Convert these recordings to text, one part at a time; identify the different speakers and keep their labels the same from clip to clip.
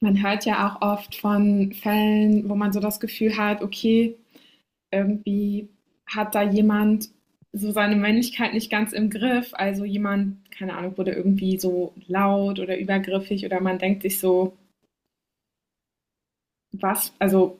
Speaker 1: Man hört ja auch oft von Fällen, wo man so das Gefühl hat, okay, irgendwie hat da jemand so seine Männlichkeit nicht ganz im Griff. Also jemand, keine Ahnung, wurde irgendwie so laut oder übergriffig oder man denkt sich so, was, also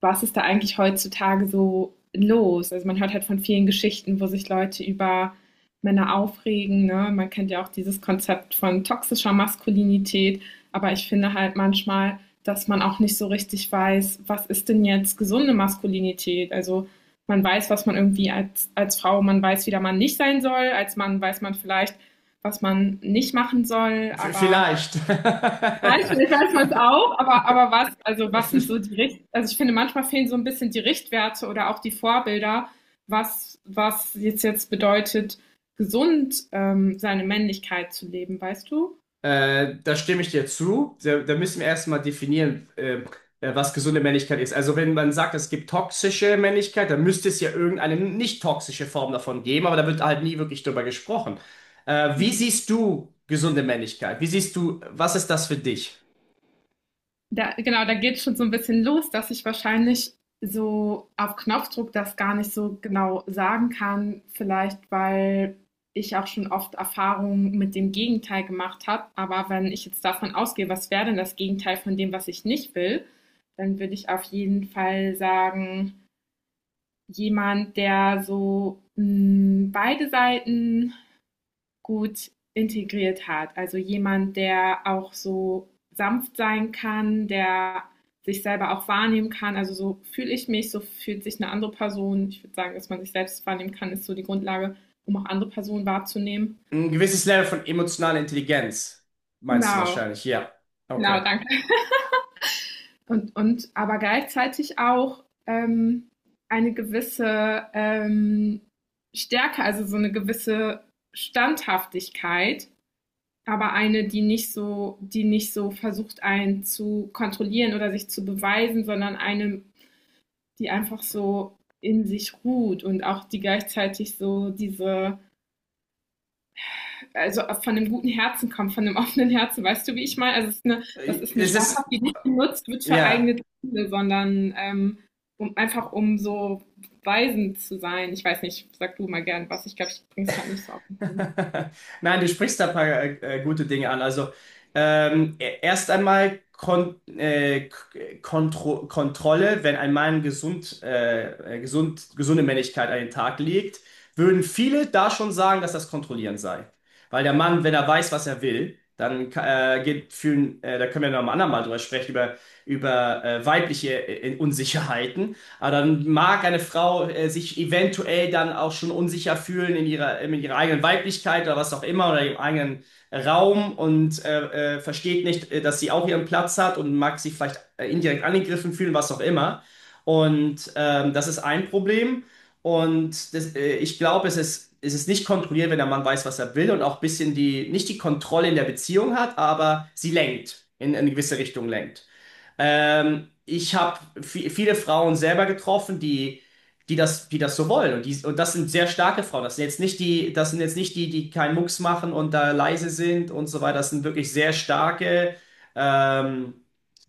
Speaker 1: was ist da eigentlich heutzutage so los? Also man hört halt von vielen Geschichten, wo sich Leute über Männer aufregen. Ne? Man kennt ja auch dieses Konzept von toxischer Maskulinität. Aber ich finde halt manchmal, dass man auch nicht so richtig weiß, was ist denn jetzt gesunde Maskulinität? Also man weiß, was man irgendwie als Frau, man weiß, wie der Mann nicht sein soll. Als Mann weiß man vielleicht, was man nicht machen soll. Aber.
Speaker 2: Vielleicht.
Speaker 1: Nein, ich finde, ich weiß es auch, aber was, also was sind so also ich finde, manchmal fehlen so ein bisschen die Richtwerte oder auch die Vorbilder, was jetzt bedeutet, gesund seine Männlichkeit zu leben, weißt du?
Speaker 2: Da stimme ich dir zu. Da müssen wir erstmal definieren, was gesunde Männlichkeit ist. Also wenn man sagt, es gibt toxische Männlichkeit, dann müsste es ja irgendeine nicht toxische Form davon geben, aber da wird halt nie wirklich drüber gesprochen. Wie siehst du gesunde Männlichkeit? Wie siehst du, was ist das für dich?
Speaker 1: Da, genau, da geht schon so ein bisschen los, dass ich wahrscheinlich so auf Knopfdruck das gar nicht so genau sagen kann. Vielleicht, weil ich auch schon oft Erfahrungen mit dem Gegenteil gemacht habe. Aber wenn ich jetzt davon ausgehe, was wäre denn das Gegenteil von dem, was ich nicht will, dann würde ich auf jeden Fall sagen, jemand, der so beide Seiten gut integriert hat. Also jemand, der auch so sanft sein kann, der sich selber auch wahrnehmen kann. Also so fühle ich mich, so fühlt sich eine andere Person. Ich würde sagen, dass man sich selbst wahrnehmen kann, ist so die Grundlage, um auch andere Personen wahrzunehmen.
Speaker 2: Ein gewisses Level von emotionaler Intelligenz, meinst du
Speaker 1: Genau,
Speaker 2: wahrscheinlich, ja.
Speaker 1: genau,
Speaker 2: Okay.
Speaker 1: danke. Und aber gleichzeitig auch eine gewisse Stärke, also so eine gewisse Standhaftigkeit. Aber eine, die nicht so versucht, einen zu kontrollieren oder sich zu beweisen, sondern eine, die einfach so in sich ruht und auch die gleichzeitig so diese, also von einem guten Herzen kommt, von einem offenen Herzen, weißt du, wie ich meine? Also es ist eine, das
Speaker 2: Äh,
Speaker 1: ist eine
Speaker 2: Es
Speaker 1: Straftat,
Speaker 2: ist,
Speaker 1: die nicht genutzt wird für
Speaker 2: ja.
Speaker 1: eigene Ziele, sondern um einfach um so weisend zu sein. Ich weiß nicht, sag du mal gern was. Ich glaube, ich bringe es gerade nicht so auf den Punkt.
Speaker 2: Nein, du sprichst da ein paar gute Dinge an. Also erst einmal Kon Kontrolle, wenn ein Mann gesund, gesund, gesunde Männlichkeit an den Tag legt, würden viele da schon sagen, dass das Kontrollieren sei. Weil der Mann, wenn er weiß, was er will, dann geht fühlen, da können wir noch am anderen Mal drüber sprechen, über weibliche Unsicherheiten. Aber dann mag eine Frau sich eventuell dann auch schon unsicher fühlen in ihrer eigenen Weiblichkeit oder was auch immer oder ihrem eigenen Raum und versteht nicht, dass sie auch ihren Platz hat und mag sich vielleicht indirekt angegriffen fühlen, was auch immer. Und das ist ein Problem. Und das, ich glaube, es ist nicht kontrolliert, wenn der Mann weiß, was er will und auch ein bisschen die, nicht die Kontrolle in der Beziehung hat, aber sie lenkt, in eine gewisse Richtung lenkt. Ich habe viele Frauen selber getroffen, die, die das so wollen. Und, die, und das sind sehr starke Frauen. Das sind jetzt nicht die, das sind jetzt nicht die, die keinen Mucks machen und da leise sind und so weiter. Das sind wirklich sehr starke ähm,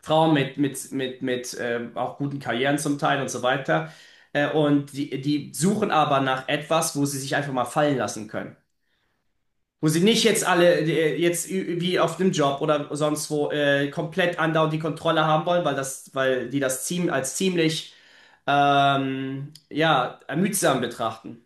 Speaker 2: Frauen mit auch guten Karrieren zum Teil und so weiter. Und die, die suchen aber nach etwas, wo sie sich einfach mal fallen lassen können. Wo sie nicht jetzt alle, jetzt wie auf dem Job oder sonst wo, komplett andauernd die Kontrolle haben wollen, weil das, weil die das ziemlich, ja, ermüdsam betrachten.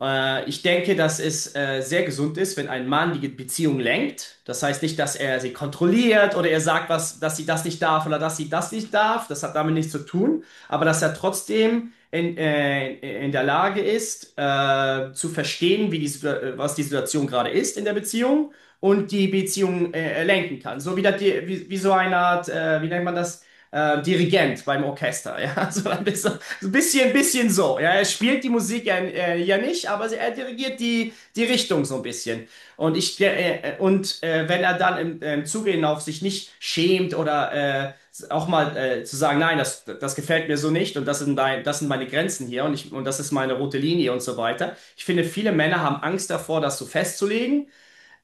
Speaker 2: Ich denke, dass es sehr gesund ist, wenn ein Mann die Beziehung lenkt. Das heißt nicht, dass er sie kontrolliert oder er sagt, was, dass sie das nicht darf oder dass sie das nicht darf. Das hat damit nichts zu tun. Aber dass er trotzdem in der Lage ist, zu verstehen, wie die, was die Situation gerade ist in der Beziehung und die Beziehung lenken kann. So wie, das, wie, wie so eine Art, wie nennt man das? Dirigent beim Orchester, ja, so ein bisschen, so ein bisschen so, ja, er spielt die Musik ja, ja nicht, aber er dirigiert die, die Richtung so ein bisschen. Und ich, und wenn er dann im, im Zuge hinauf sich nicht schämt oder äh, auch mal zu sagen, nein, das, das gefällt mir so nicht und das sind, dein, das sind meine Grenzen hier und, ich, und das ist meine rote Linie und so weiter. Ich finde, viele Männer haben Angst davor, das so festzulegen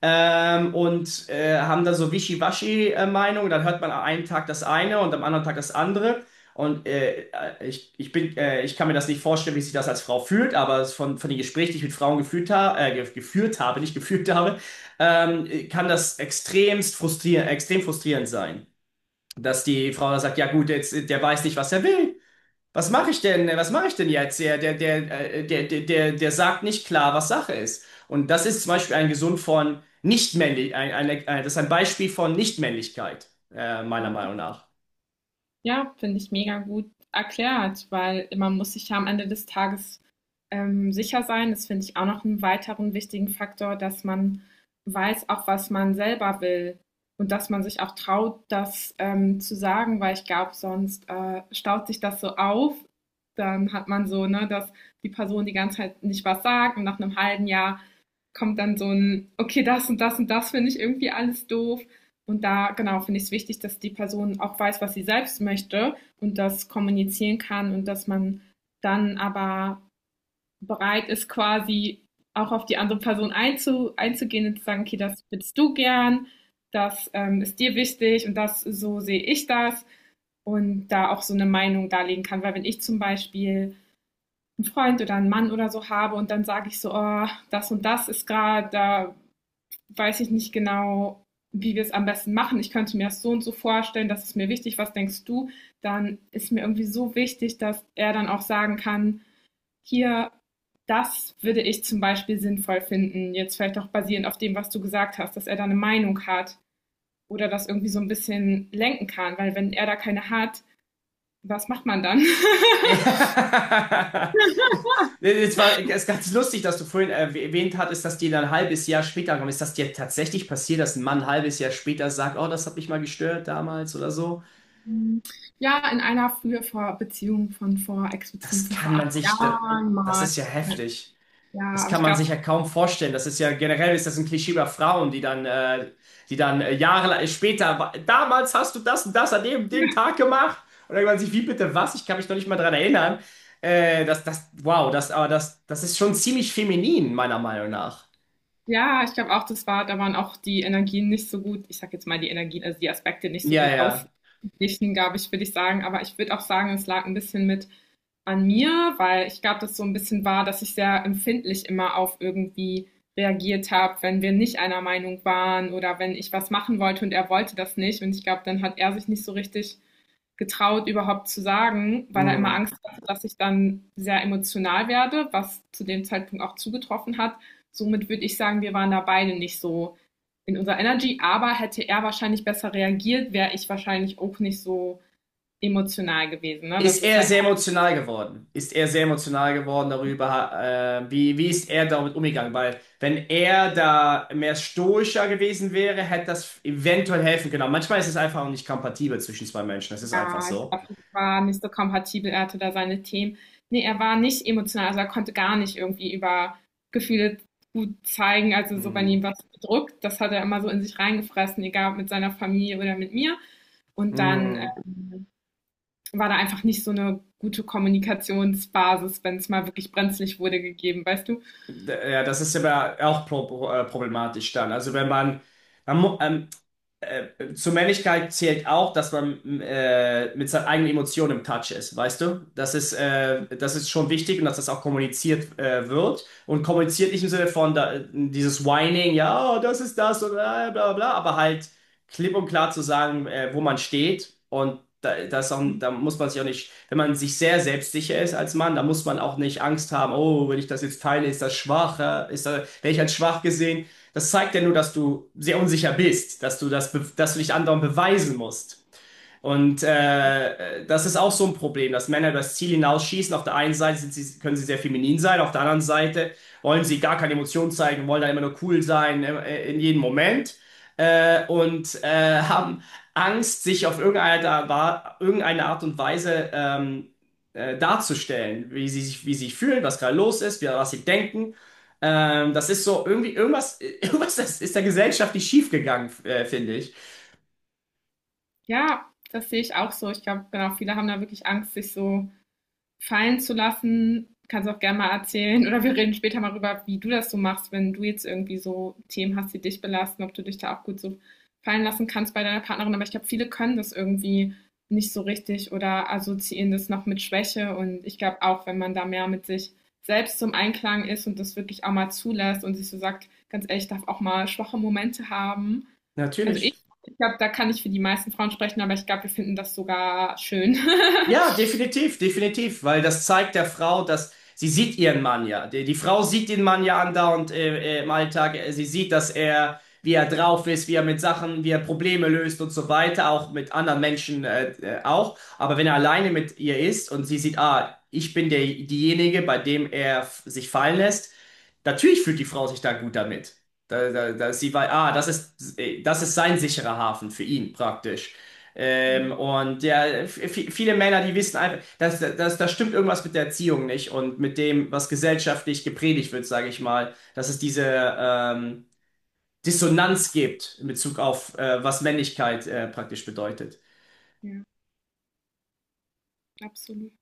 Speaker 2: und haben da so Wischiwaschi-Meinung. Dann hört man am einen Tag das eine und am anderen Tag das andere. Und ich, ich bin, ich kann mir das nicht vorstellen, wie sich das als Frau fühlt, aber es von den Gesprächen, die ich mit Frauen geführt habe, nicht gefühlt habe, kann das extrem frustrierend sein. Dass die Frau dann sagt, ja gut, jetzt, der weiß nicht, was er will. Was mache ich denn? Was mache ich denn jetzt? Der sagt nicht klar, was Sache ist. Und das ist zum Beispiel ein Gesund von Nichtmännlich, ein, eine, das ist ein Beispiel von Nichtmännlichkeit, meiner Meinung nach.
Speaker 1: Ja, finde ich mega gut erklärt, weil man muss sich ja am Ende des Tages sicher sein. Das finde ich auch noch einen weiteren wichtigen Faktor, dass man weiß auch, was man selber will und dass man sich auch traut, das zu sagen, weil ich glaube, sonst staut sich das so auf. Dann hat man so, ne, dass die Person die ganze Zeit nicht was sagt und nach einem halben Jahr kommt dann so ein, okay, das und das und das finde ich irgendwie alles doof. Und da, genau, finde ich es wichtig, dass die Person auch weiß, was sie selbst möchte und das kommunizieren kann und dass man dann aber bereit ist, quasi auch auf die andere Person einzugehen und zu sagen, okay, das willst du gern, das ist dir wichtig und das, so sehe ich das und da auch so eine Meinung darlegen kann. Weil wenn ich zum Beispiel einen Freund oder einen Mann oder so habe und dann sage ich so, oh, das und das ist gerade, da weiß ich nicht genau, wie wir es am besten machen. Ich könnte mir das so und so vorstellen, das ist mir wichtig, was denkst du? Dann ist mir irgendwie so wichtig, dass er dann auch sagen kann, hier, das würde ich zum Beispiel sinnvoll finden, jetzt vielleicht auch basierend auf dem, was du gesagt hast, dass er da eine Meinung hat oder das irgendwie so ein bisschen lenken kann, weil wenn er da keine hat, was macht man dann?
Speaker 2: Ja. Es ist ganz lustig, dass du vorhin erwähnt hattest, dass dir dann ein halbes Jahr später kommt. Ist das dir tatsächlich passiert, dass ein Mann ein halbes Jahr später sagt, oh, das hat mich mal gestört damals oder so?
Speaker 1: Ja, in einer früher vor Beziehung von vor, Ex-Beziehung
Speaker 2: Das
Speaker 1: von
Speaker 2: kann
Speaker 1: vor acht
Speaker 2: man sich, das,
Speaker 1: Jahren
Speaker 2: das
Speaker 1: mal.
Speaker 2: ist ja heftig.
Speaker 1: Ja,
Speaker 2: Das
Speaker 1: aber
Speaker 2: kann
Speaker 1: ich
Speaker 2: man
Speaker 1: glaube.
Speaker 2: sich ja kaum vorstellen. Das ist ja generell ist das ein Klischee über Frauen, die dann, Jahre später, damals hast du das und das an dem, dem Tag gemacht. Und dann denkt man sich, wie bitte was? Ich kann mich noch nicht mal dran erinnern. Wow, das, aber das, das ist schon ziemlich feminin, meiner Meinung nach.
Speaker 1: Ja, ich glaube auch, das war, da waren auch die Energien nicht so gut, ich sag jetzt mal die Energien, also die Aspekte nicht so
Speaker 2: Ja,
Speaker 1: gut
Speaker 2: ja.
Speaker 1: ausgeglichen, glaube ich, würde ich sagen. Aber ich würde auch sagen, es lag ein bisschen mit an mir, weil ich glaube, das so ein bisschen war, dass ich sehr empfindlich immer auf irgendwie reagiert habe, wenn wir nicht einer Meinung waren oder wenn ich was machen wollte und er wollte das nicht. Und ich glaube, dann hat er sich nicht so richtig getraut, überhaupt zu sagen, weil er immer
Speaker 2: Mm.
Speaker 1: Angst hatte, dass ich dann sehr emotional werde, was zu dem Zeitpunkt auch zugetroffen hat. Somit würde ich sagen, wir waren da beide nicht so in unserer Energy, aber hätte er wahrscheinlich besser reagiert, wäre ich wahrscheinlich auch nicht so emotional gewesen. Ne?
Speaker 2: Ist
Speaker 1: Das ist
Speaker 2: er
Speaker 1: halt,
Speaker 2: sehr emotional geworden? Ist er sehr emotional geworden darüber, wie, wie ist er damit umgegangen? Weil wenn er da mehr stoischer gewesen wäre, hätte das eventuell helfen können. Aber manchmal ist es einfach auch nicht kompatibel zwischen zwei Menschen. Das ist einfach
Speaker 1: ja, ich
Speaker 2: so.
Speaker 1: glaub, ich war nicht so kompatibel, er hatte da seine Themen. Nee, er war nicht emotional, also er konnte gar nicht irgendwie über Gefühle gut zeigen. Also so, wenn
Speaker 2: Hm.
Speaker 1: ihm was bedrückt, das hat er immer so in sich reingefressen, egal ob mit seiner Familie oder mit mir. Und dann
Speaker 2: Hm.
Speaker 1: ähm, war da einfach nicht so eine gute Kommunikationsbasis, wenn es mal wirklich brenzlig wurde, gegeben, weißt du?
Speaker 2: Ja, das ist aber auch problematisch dann. Also wenn man, man mu- ähm, zur Männlichkeit zählt auch, dass man mit seinen eigenen Emotionen im Touch ist, weißt du? Das ist schon wichtig und dass das auch kommuniziert wird. Und kommuniziert nicht im Sinne von da, dieses Whining, ja, oh, das ist das und bla bla bla, aber halt klipp und klar zu sagen, wo man steht. Und da, das ist auch, da muss man sich auch nicht, wenn man sich sehr selbstsicher ist als Mann, da muss man auch nicht Angst haben, oh, wenn ich das jetzt teile, ist das schwach, ja? Ist da, werde ich als schwach gesehen? Das zeigt ja nur, dass du sehr unsicher bist, dass du das, dass du dich anderen beweisen musst. Und das ist auch so ein Problem, dass Männer das Ziel hinausschießen. Auf der einen Seite sind sie, können sie sehr feminin sein, auf der anderen Seite wollen sie gar keine Emotionen zeigen, wollen da immer nur cool sein in jedem Moment und haben Angst, sich auf irgendeine, irgendeine Art und Weise darzustellen, wie sie sich fühlen, was gerade los ist, wie, was sie denken. Das ist so irgendwie irgendwas, irgendwas ist, ist der Gesellschaft nicht schiefgegangen, finde ich.
Speaker 1: Ja, das sehe ich auch so. Ich glaube, genau, viele haben da wirklich Angst, sich so fallen zu lassen. Kannst auch gerne mal erzählen oder wir reden später mal darüber, wie du das so machst, wenn du jetzt irgendwie so Themen hast, die dich belasten, ob du dich da auch gut so fallen lassen kannst bei deiner Partnerin. Aber ich glaube, viele können das irgendwie nicht so richtig oder assoziieren das noch mit Schwäche. Und ich glaube auch, wenn man da mehr mit sich selbst zum Einklang ist und das wirklich auch mal zulässt und sich so sagt, ganz ehrlich, ich darf auch mal schwache Momente haben. Also ich,
Speaker 2: Natürlich.
Speaker 1: ich glaube, da kann ich für die meisten Frauen sprechen, aber ich glaube, wir finden das sogar schön.
Speaker 2: Ja, definitiv, definitiv, weil das zeigt der Frau, dass sie sieht ihren Mann ja. Die, die Frau sieht den Mann ja andauernd im Alltag. Sie sieht, dass er, wie er drauf ist, wie er mit Sachen, wie er Probleme löst und so weiter, auch mit anderen Menschen auch. Aber wenn er alleine mit ihr ist und sie sieht, ah, ich bin der, diejenige, bei dem er sich fallen lässt, natürlich fühlt die Frau sich da gut damit. Da sie weiß, ah, das ist sein sicherer Hafen für ihn praktisch. Ähm, und ja, viele Männer, die wissen einfach, dass, dass, da stimmt irgendwas mit der Erziehung nicht und mit dem, was gesellschaftlich gepredigt wird, sage ich mal, dass es diese ähm, Dissonanz gibt in Bezug auf, was Männlichkeit praktisch bedeutet.
Speaker 1: Ja, absolut.